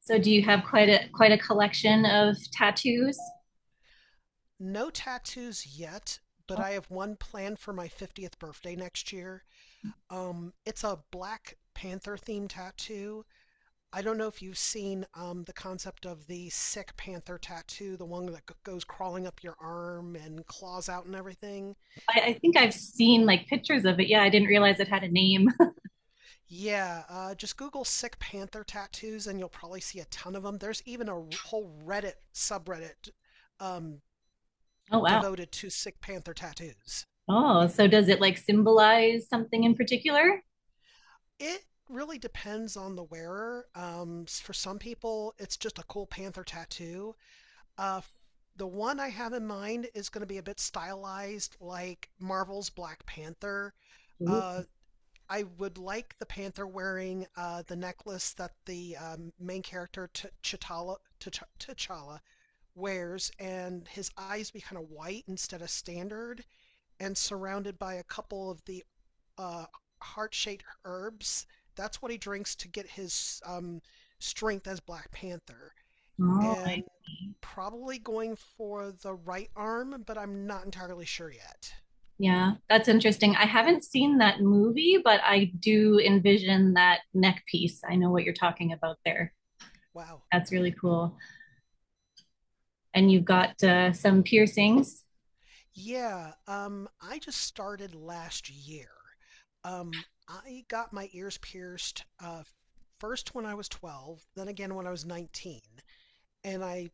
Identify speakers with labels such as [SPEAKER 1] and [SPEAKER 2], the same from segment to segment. [SPEAKER 1] So do you have quite a collection of tattoos?
[SPEAKER 2] No tattoos yet, but I have one planned for my 50th birthday next year. It's a Black Panther themed tattoo. I don't know if you've seen the concept of the sick panther tattoo, the one that goes crawling up your arm and claws out and everything.
[SPEAKER 1] I think I've seen like pictures of it. Yeah, I didn't realize it had a name.
[SPEAKER 2] Yeah, just Google sick panther tattoos and you'll probably see a ton of them. There's even a whole Reddit subreddit um,
[SPEAKER 1] Oh wow.
[SPEAKER 2] devoted to sick panther tattoos.
[SPEAKER 1] Oh, so does it like symbolize something in particular?
[SPEAKER 2] It really depends on the wearer. For some people, it's just a cool panther tattoo. Uh, the one I have in mind is going to be a bit stylized, like Marvel's Black Panther.
[SPEAKER 1] Ooh.
[SPEAKER 2] Uh, I would like the panther wearing the necklace that the main character T'Challa wears, and his eyes be kind of white instead of standard, and surrounded by a couple of the uh, heart-shaped herbs. That's what he drinks to get his strength as Black Panther.
[SPEAKER 1] Oh, I
[SPEAKER 2] And
[SPEAKER 1] see.
[SPEAKER 2] probably going for the right arm, but I'm not entirely sure yet.
[SPEAKER 1] Yeah, that's interesting. I haven't seen that movie, but I do envision that neck piece. I know what you're talking about there.
[SPEAKER 2] Wow.
[SPEAKER 1] That's really cool. And you've got some piercings.
[SPEAKER 2] Yeah, I just started last year. I got my ears pierced first when I was 12, then again when I was 19. And I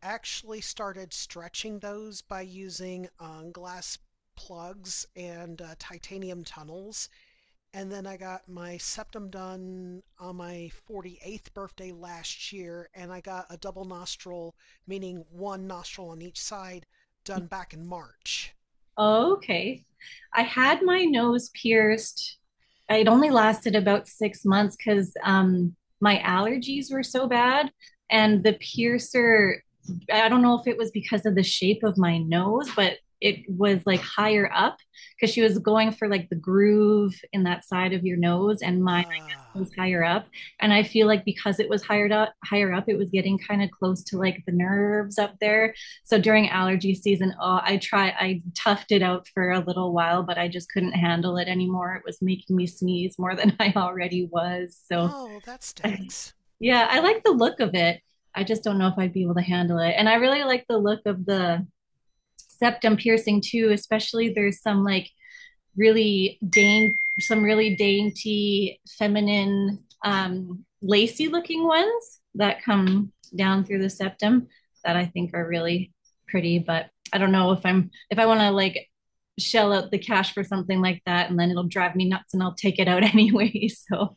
[SPEAKER 2] actually started stretching those by using glass plugs and titanium tunnels. And then I got my septum done on my 48th birthday last year, and I got a double nostril, meaning one nostril on each side, done back in March.
[SPEAKER 1] Oh, okay. I had my nose pierced. It only lasted about 6 months because my allergies were so bad. And the piercer, I don't know if it was because of the shape of my nose, but it was like higher up because she was going for like the groove in that side of your nose. And mine, I
[SPEAKER 2] Uh,
[SPEAKER 1] guess, was higher up. And I feel like because it was higher up, it was getting kind of close to like the nerves up there. So during allergy season, oh, I toughed it out for a little while, but I just couldn't handle it anymore. It was making me sneeze more than I already was. So
[SPEAKER 2] oh, that stinks.
[SPEAKER 1] yeah, I like the look of it. I just don't know if I'd be able to handle it. And I really like the look of the septum piercing too, especially there's some like some really dainty, feminine, lacy looking ones that come down through the septum that I think are really pretty. But I don't know if I want to like shell out the cash for something like that and then it'll drive me nuts and I'll take it out anyway. So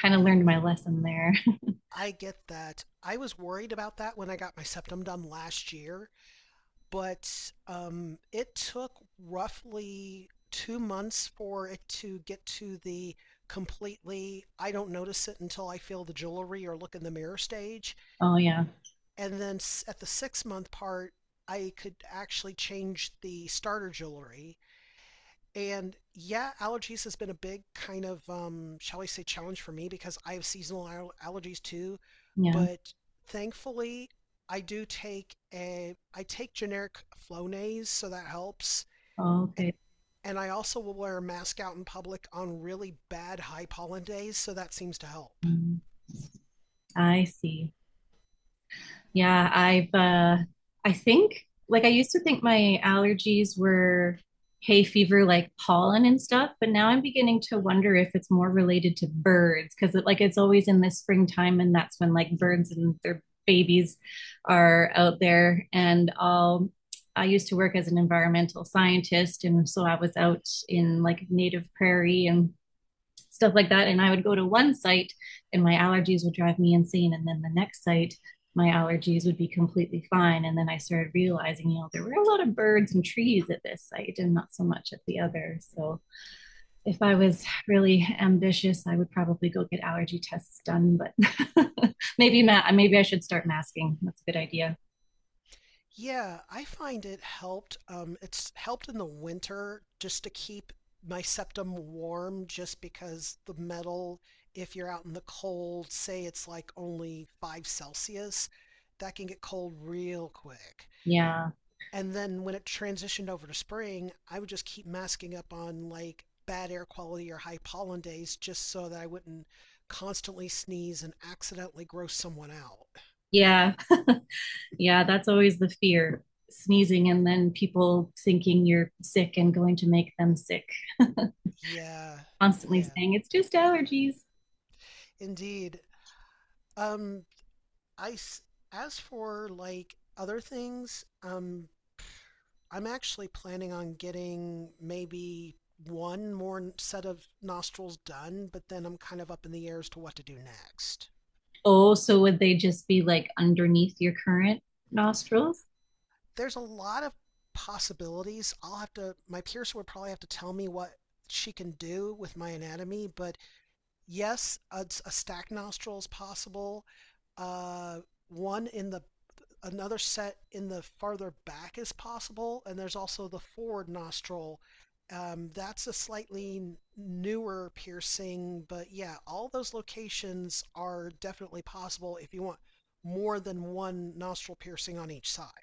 [SPEAKER 1] kind of learned my lesson there.
[SPEAKER 2] I get that. I was worried about that when I got my septum done last year but it took roughly 2 months for it to get to the completely I don't notice it until I feel the jewelry or look in the mirror stage.
[SPEAKER 1] Oh, yeah.
[SPEAKER 2] And then at the 6 month part, I could actually change the starter jewelry, and yeah, allergies has been a big kind of, shall we say, challenge for me because I have seasonal allergies too.
[SPEAKER 1] Yeah.
[SPEAKER 2] But thankfully, I take generic Flonase, so that helps.
[SPEAKER 1] Oh,
[SPEAKER 2] A-
[SPEAKER 1] okay.
[SPEAKER 2] And I also will wear a mask out in public on really bad high pollen days, so that seems to help.
[SPEAKER 1] Mm, I see. Yeah, I think like I used to think my allergies were hay fever like pollen and stuff, but now I'm beginning to wonder if it's more related to birds because it's always in the springtime and that's when like birds and their babies are out there and I used to work as an environmental scientist and so I was out in like native prairie and stuff like that. And I would go to one site and my allergies would drive me insane. And then the next site, my allergies would be completely fine. And then I started realizing, you know, there were a lot of birds and trees at this site and not so much at the other. So if I was really ambitious, I would probably go get allergy tests done. But maybe I should start masking. That's a good idea.
[SPEAKER 2] Yeah, I find it helped. It's helped in the winter just to keep my septum warm, just because the metal, if you're out in the cold, say it's like only 5 Celsius, that can get cold real quick.
[SPEAKER 1] Yeah.
[SPEAKER 2] And then when it transitioned over to spring, I would just keep masking up on like bad air quality or high pollen days just so that I wouldn't constantly sneeze and accidentally gross someone out.
[SPEAKER 1] Yeah. Yeah. That's always the fear sneezing and then people thinking you're sick and going to make them sick
[SPEAKER 2] Yeah,
[SPEAKER 1] constantly
[SPEAKER 2] yeah,
[SPEAKER 1] saying it's just allergies.
[SPEAKER 2] indeed. Um, I As for like other things, I'm actually planning on getting maybe one more set of nostrils done, but then I'm kind of up in the air as to what to do next.
[SPEAKER 1] Oh, so would they just be like underneath your current nostrils?
[SPEAKER 2] There's a lot of possibilities. I'll have to. My piercer would probably have to tell me what she can do with my anatomy, but yes, a stack nostril is possible. Uh, one in the Another set in the farther back is possible, and there's also the forward nostril. That's a slightly newer piercing, but yeah, all those locations are definitely possible if you want more than one nostril piercing on each side.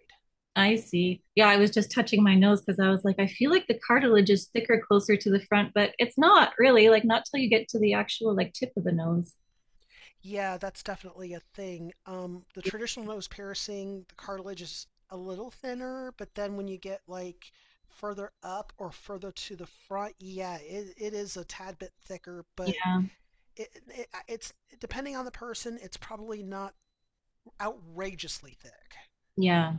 [SPEAKER 1] I see. Yeah, I was just touching my nose because I was like, I feel like the cartilage is thicker closer to the front, but it's not really like not till you get to the actual like tip of the nose.
[SPEAKER 2] Yeah, that's definitely a thing. The traditional nose piercing, the cartilage is a little thinner, but then when you get like further up or further to the front, yeah, it is a tad bit thicker, but
[SPEAKER 1] Yeah,
[SPEAKER 2] it's depending on the person, it's probably not outrageously thick.
[SPEAKER 1] yeah,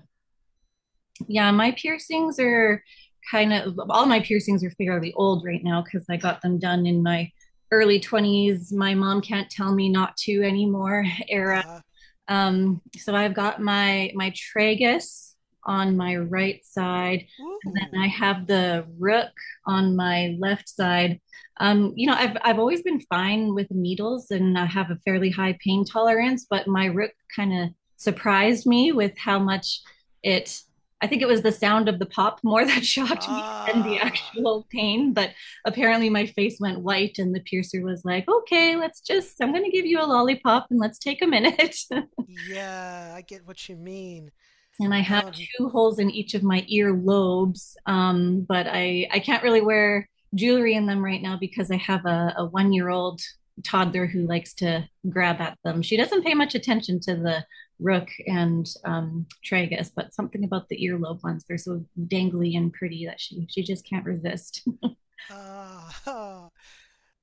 [SPEAKER 1] yeah. My piercings are Kind of all my piercings are fairly old right now because I got them done in my early 20s. My mom can't tell me not to anymore
[SPEAKER 2] Uh
[SPEAKER 1] era.
[SPEAKER 2] huh.
[SPEAKER 1] So I've got my tragus on my right side, and
[SPEAKER 2] Ooh.
[SPEAKER 1] then I have the rook on my left side. You know, I've always been fine with needles, and I have a fairly high pain tolerance, but my rook kind of surprised me with how much it. I think it was the sound of the pop more that shocked me than the
[SPEAKER 2] Ah.
[SPEAKER 1] actual pain. But apparently, my face went white, and the piercer was like, "Okay, let's just. I'm going to give you a lollipop, and let's take a minute."
[SPEAKER 2] Yeah, I get what you mean.
[SPEAKER 1] And I have
[SPEAKER 2] Um.
[SPEAKER 1] two holes in each of my ear lobes. But I can't really wear jewelry in them right now because I have a 1 year old toddler who likes to grab at them. She doesn't pay much attention to the rook and tragus, but something about the earlobe ones, they're so dangly and pretty that she just can't resist.
[SPEAKER 2] Uh,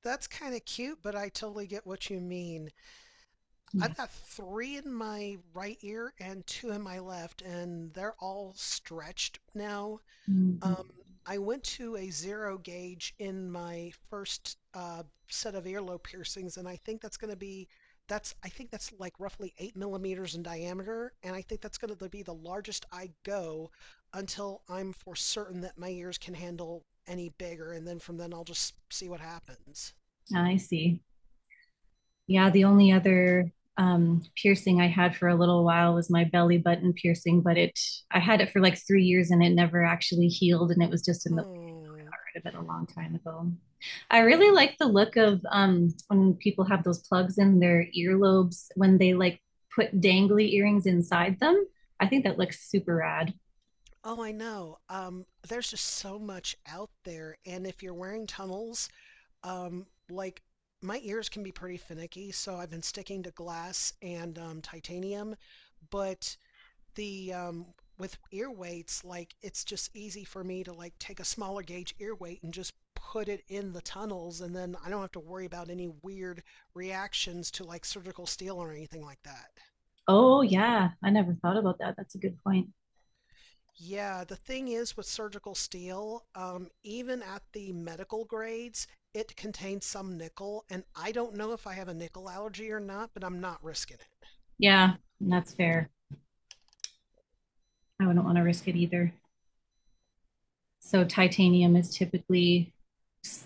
[SPEAKER 2] that's kind of cute, but I totally get what you mean.
[SPEAKER 1] Yeah.
[SPEAKER 2] I've got three in my right ear and two in my left, and they're all stretched now.
[SPEAKER 1] Mm-hmm.
[SPEAKER 2] Um, I went to a zero gauge in my first set of earlobe piercings, and I think that's going to be that's I think that's like roughly 8 millimeters in diameter, and I think that's going to be the largest I go until I'm for certain that my ears can handle any bigger, and then from then I'll just see what happens.
[SPEAKER 1] Ah, I see. Yeah, the only other piercing I had for a little while was my belly button piercing, but it I had it for like 3 years and it never actually healed, and it was just in the
[SPEAKER 2] Oh,
[SPEAKER 1] of it a long time ago. I really like the look of when people have those plugs in their earlobes when they like put dangly earrings inside them. I think that looks super rad.
[SPEAKER 2] oh, I know. There's just so much out there, and if you're wearing tunnels, like my ears can be pretty finicky, so I've been sticking to glass and titanium. But the with ear weights, like it's just easy for me to like take a smaller gauge ear weight and just put it in the tunnels, and then I don't have to worry about any weird reactions to like surgical steel or anything like that.
[SPEAKER 1] Oh yeah, I never thought about that. That's a good point.
[SPEAKER 2] Yeah, the thing is with surgical steel, even at the medical grades, it contains some nickel, and I don't know if I have a nickel allergy or not, but I'm not risking it.
[SPEAKER 1] Yeah, that's fair. I wouldn't want to risk it either. So titanium is typically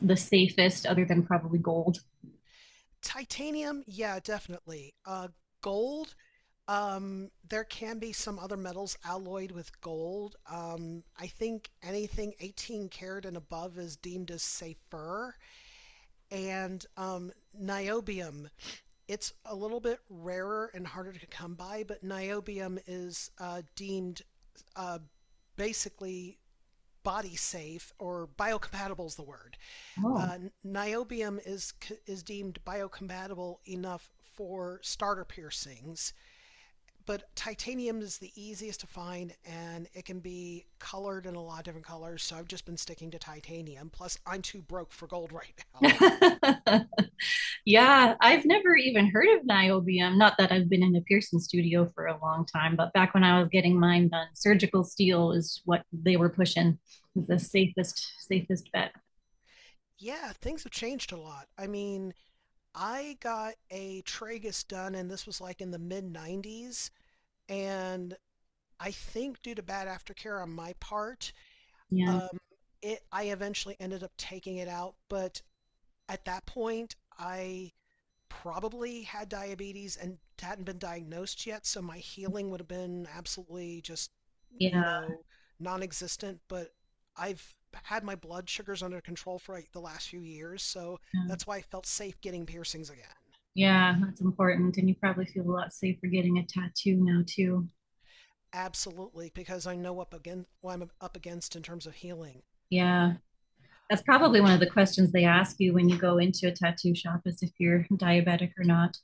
[SPEAKER 1] the safest, other than probably gold.
[SPEAKER 2] Titanium, yeah, definitely. Gold, there can be some other metals alloyed with gold. I think anything 18 karat and above is deemed as safer. And niobium. It's a little bit rarer and harder to come by, but niobium is deemed uh, basically body safe, or biocompatible is the word.
[SPEAKER 1] Oh,
[SPEAKER 2] Uh, Niobium is deemed biocompatible enough for starter piercings, but titanium is the easiest to find and it can be colored in a lot of different colors. So I've just been sticking to titanium. Plus, I'm too broke for gold right now.
[SPEAKER 1] yeah, I've never even heard of niobium. Not that I've been in a piercing studio for a long time, but back when I was getting mine done, surgical steel is what they were pushing. Is the safest, bet.
[SPEAKER 2] Yeah, things have changed a lot. I mean, I got a tragus done, and this was like in the mid 90s. And I think due to bad aftercare on my part,
[SPEAKER 1] Yeah,
[SPEAKER 2] um, it I eventually ended up taking it out. But at that point, I probably had diabetes and hadn't been diagnosed yet, so my healing would have been absolutely just,
[SPEAKER 1] yeah,
[SPEAKER 2] you know, non-existent. But I've had my blood sugars under control for like the last few years, so
[SPEAKER 1] yeah,
[SPEAKER 2] that's why I felt safe getting piercings again.
[SPEAKER 1] yeah. That's important, and you probably feel a lot safer getting a tattoo now too.
[SPEAKER 2] Absolutely, because I know up again what I'm up against in terms of healing.
[SPEAKER 1] Yeah. That's probably one of the questions they ask you when you go into a tattoo shop is if you're diabetic or not.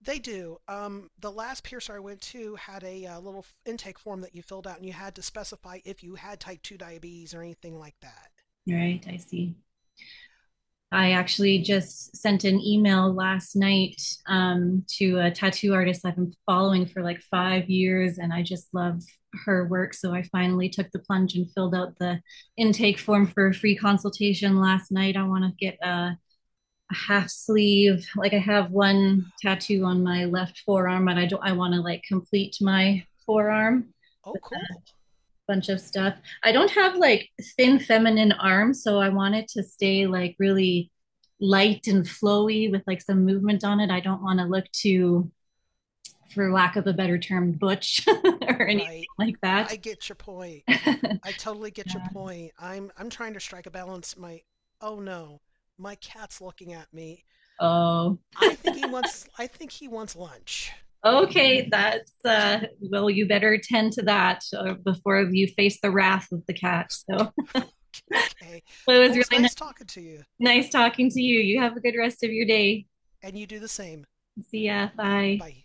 [SPEAKER 2] They do. The last piercer I went to had a little intake form that you filled out, and you had to specify if you had type 2 diabetes or anything like that.
[SPEAKER 1] Right, I see. I actually just sent an email last night to a tattoo artist I've been following for like 5 years, and I just love her work. So I finally took the plunge and filled out the intake form for a free consultation last night. I want to get a half sleeve. Like I have one tattoo on my left forearm, but I don't. I want to like complete my forearm
[SPEAKER 2] Oh, cool.
[SPEAKER 1] bunch of stuff. I don't have like thin feminine arms, so I want it to stay like really light and flowy with like some movement on it. I don't want to look too, for lack of a better term, butch or anything
[SPEAKER 2] Right.
[SPEAKER 1] like that.
[SPEAKER 2] I get your point.
[SPEAKER 1] Yeah.
[SPEAKER 2] I totally get your point. I'm trying to strike a balance. My Oh no, my cat's looking at me.
[SPEAKER 1] Oh,
[SPEAKER 2] I think he wants lunch.
[SPEAKER 1] okay. That's, well, you better tend to that before you face the wrath of the cat. So
[SPEAKER 2] Okay.
[SPEAKER 1] well, it
[SPEAKER 2] Well,
[SPEAKER 1] was
[SPEAKER 2] it was nice talking to you,
[SPEAKER 1] nice talking to you. You have a good rest of your day.
[SPEAKER 2] and you do the same.
[SPEAKER 1] See ya. Bye.
[SPEAKER 2] Bye.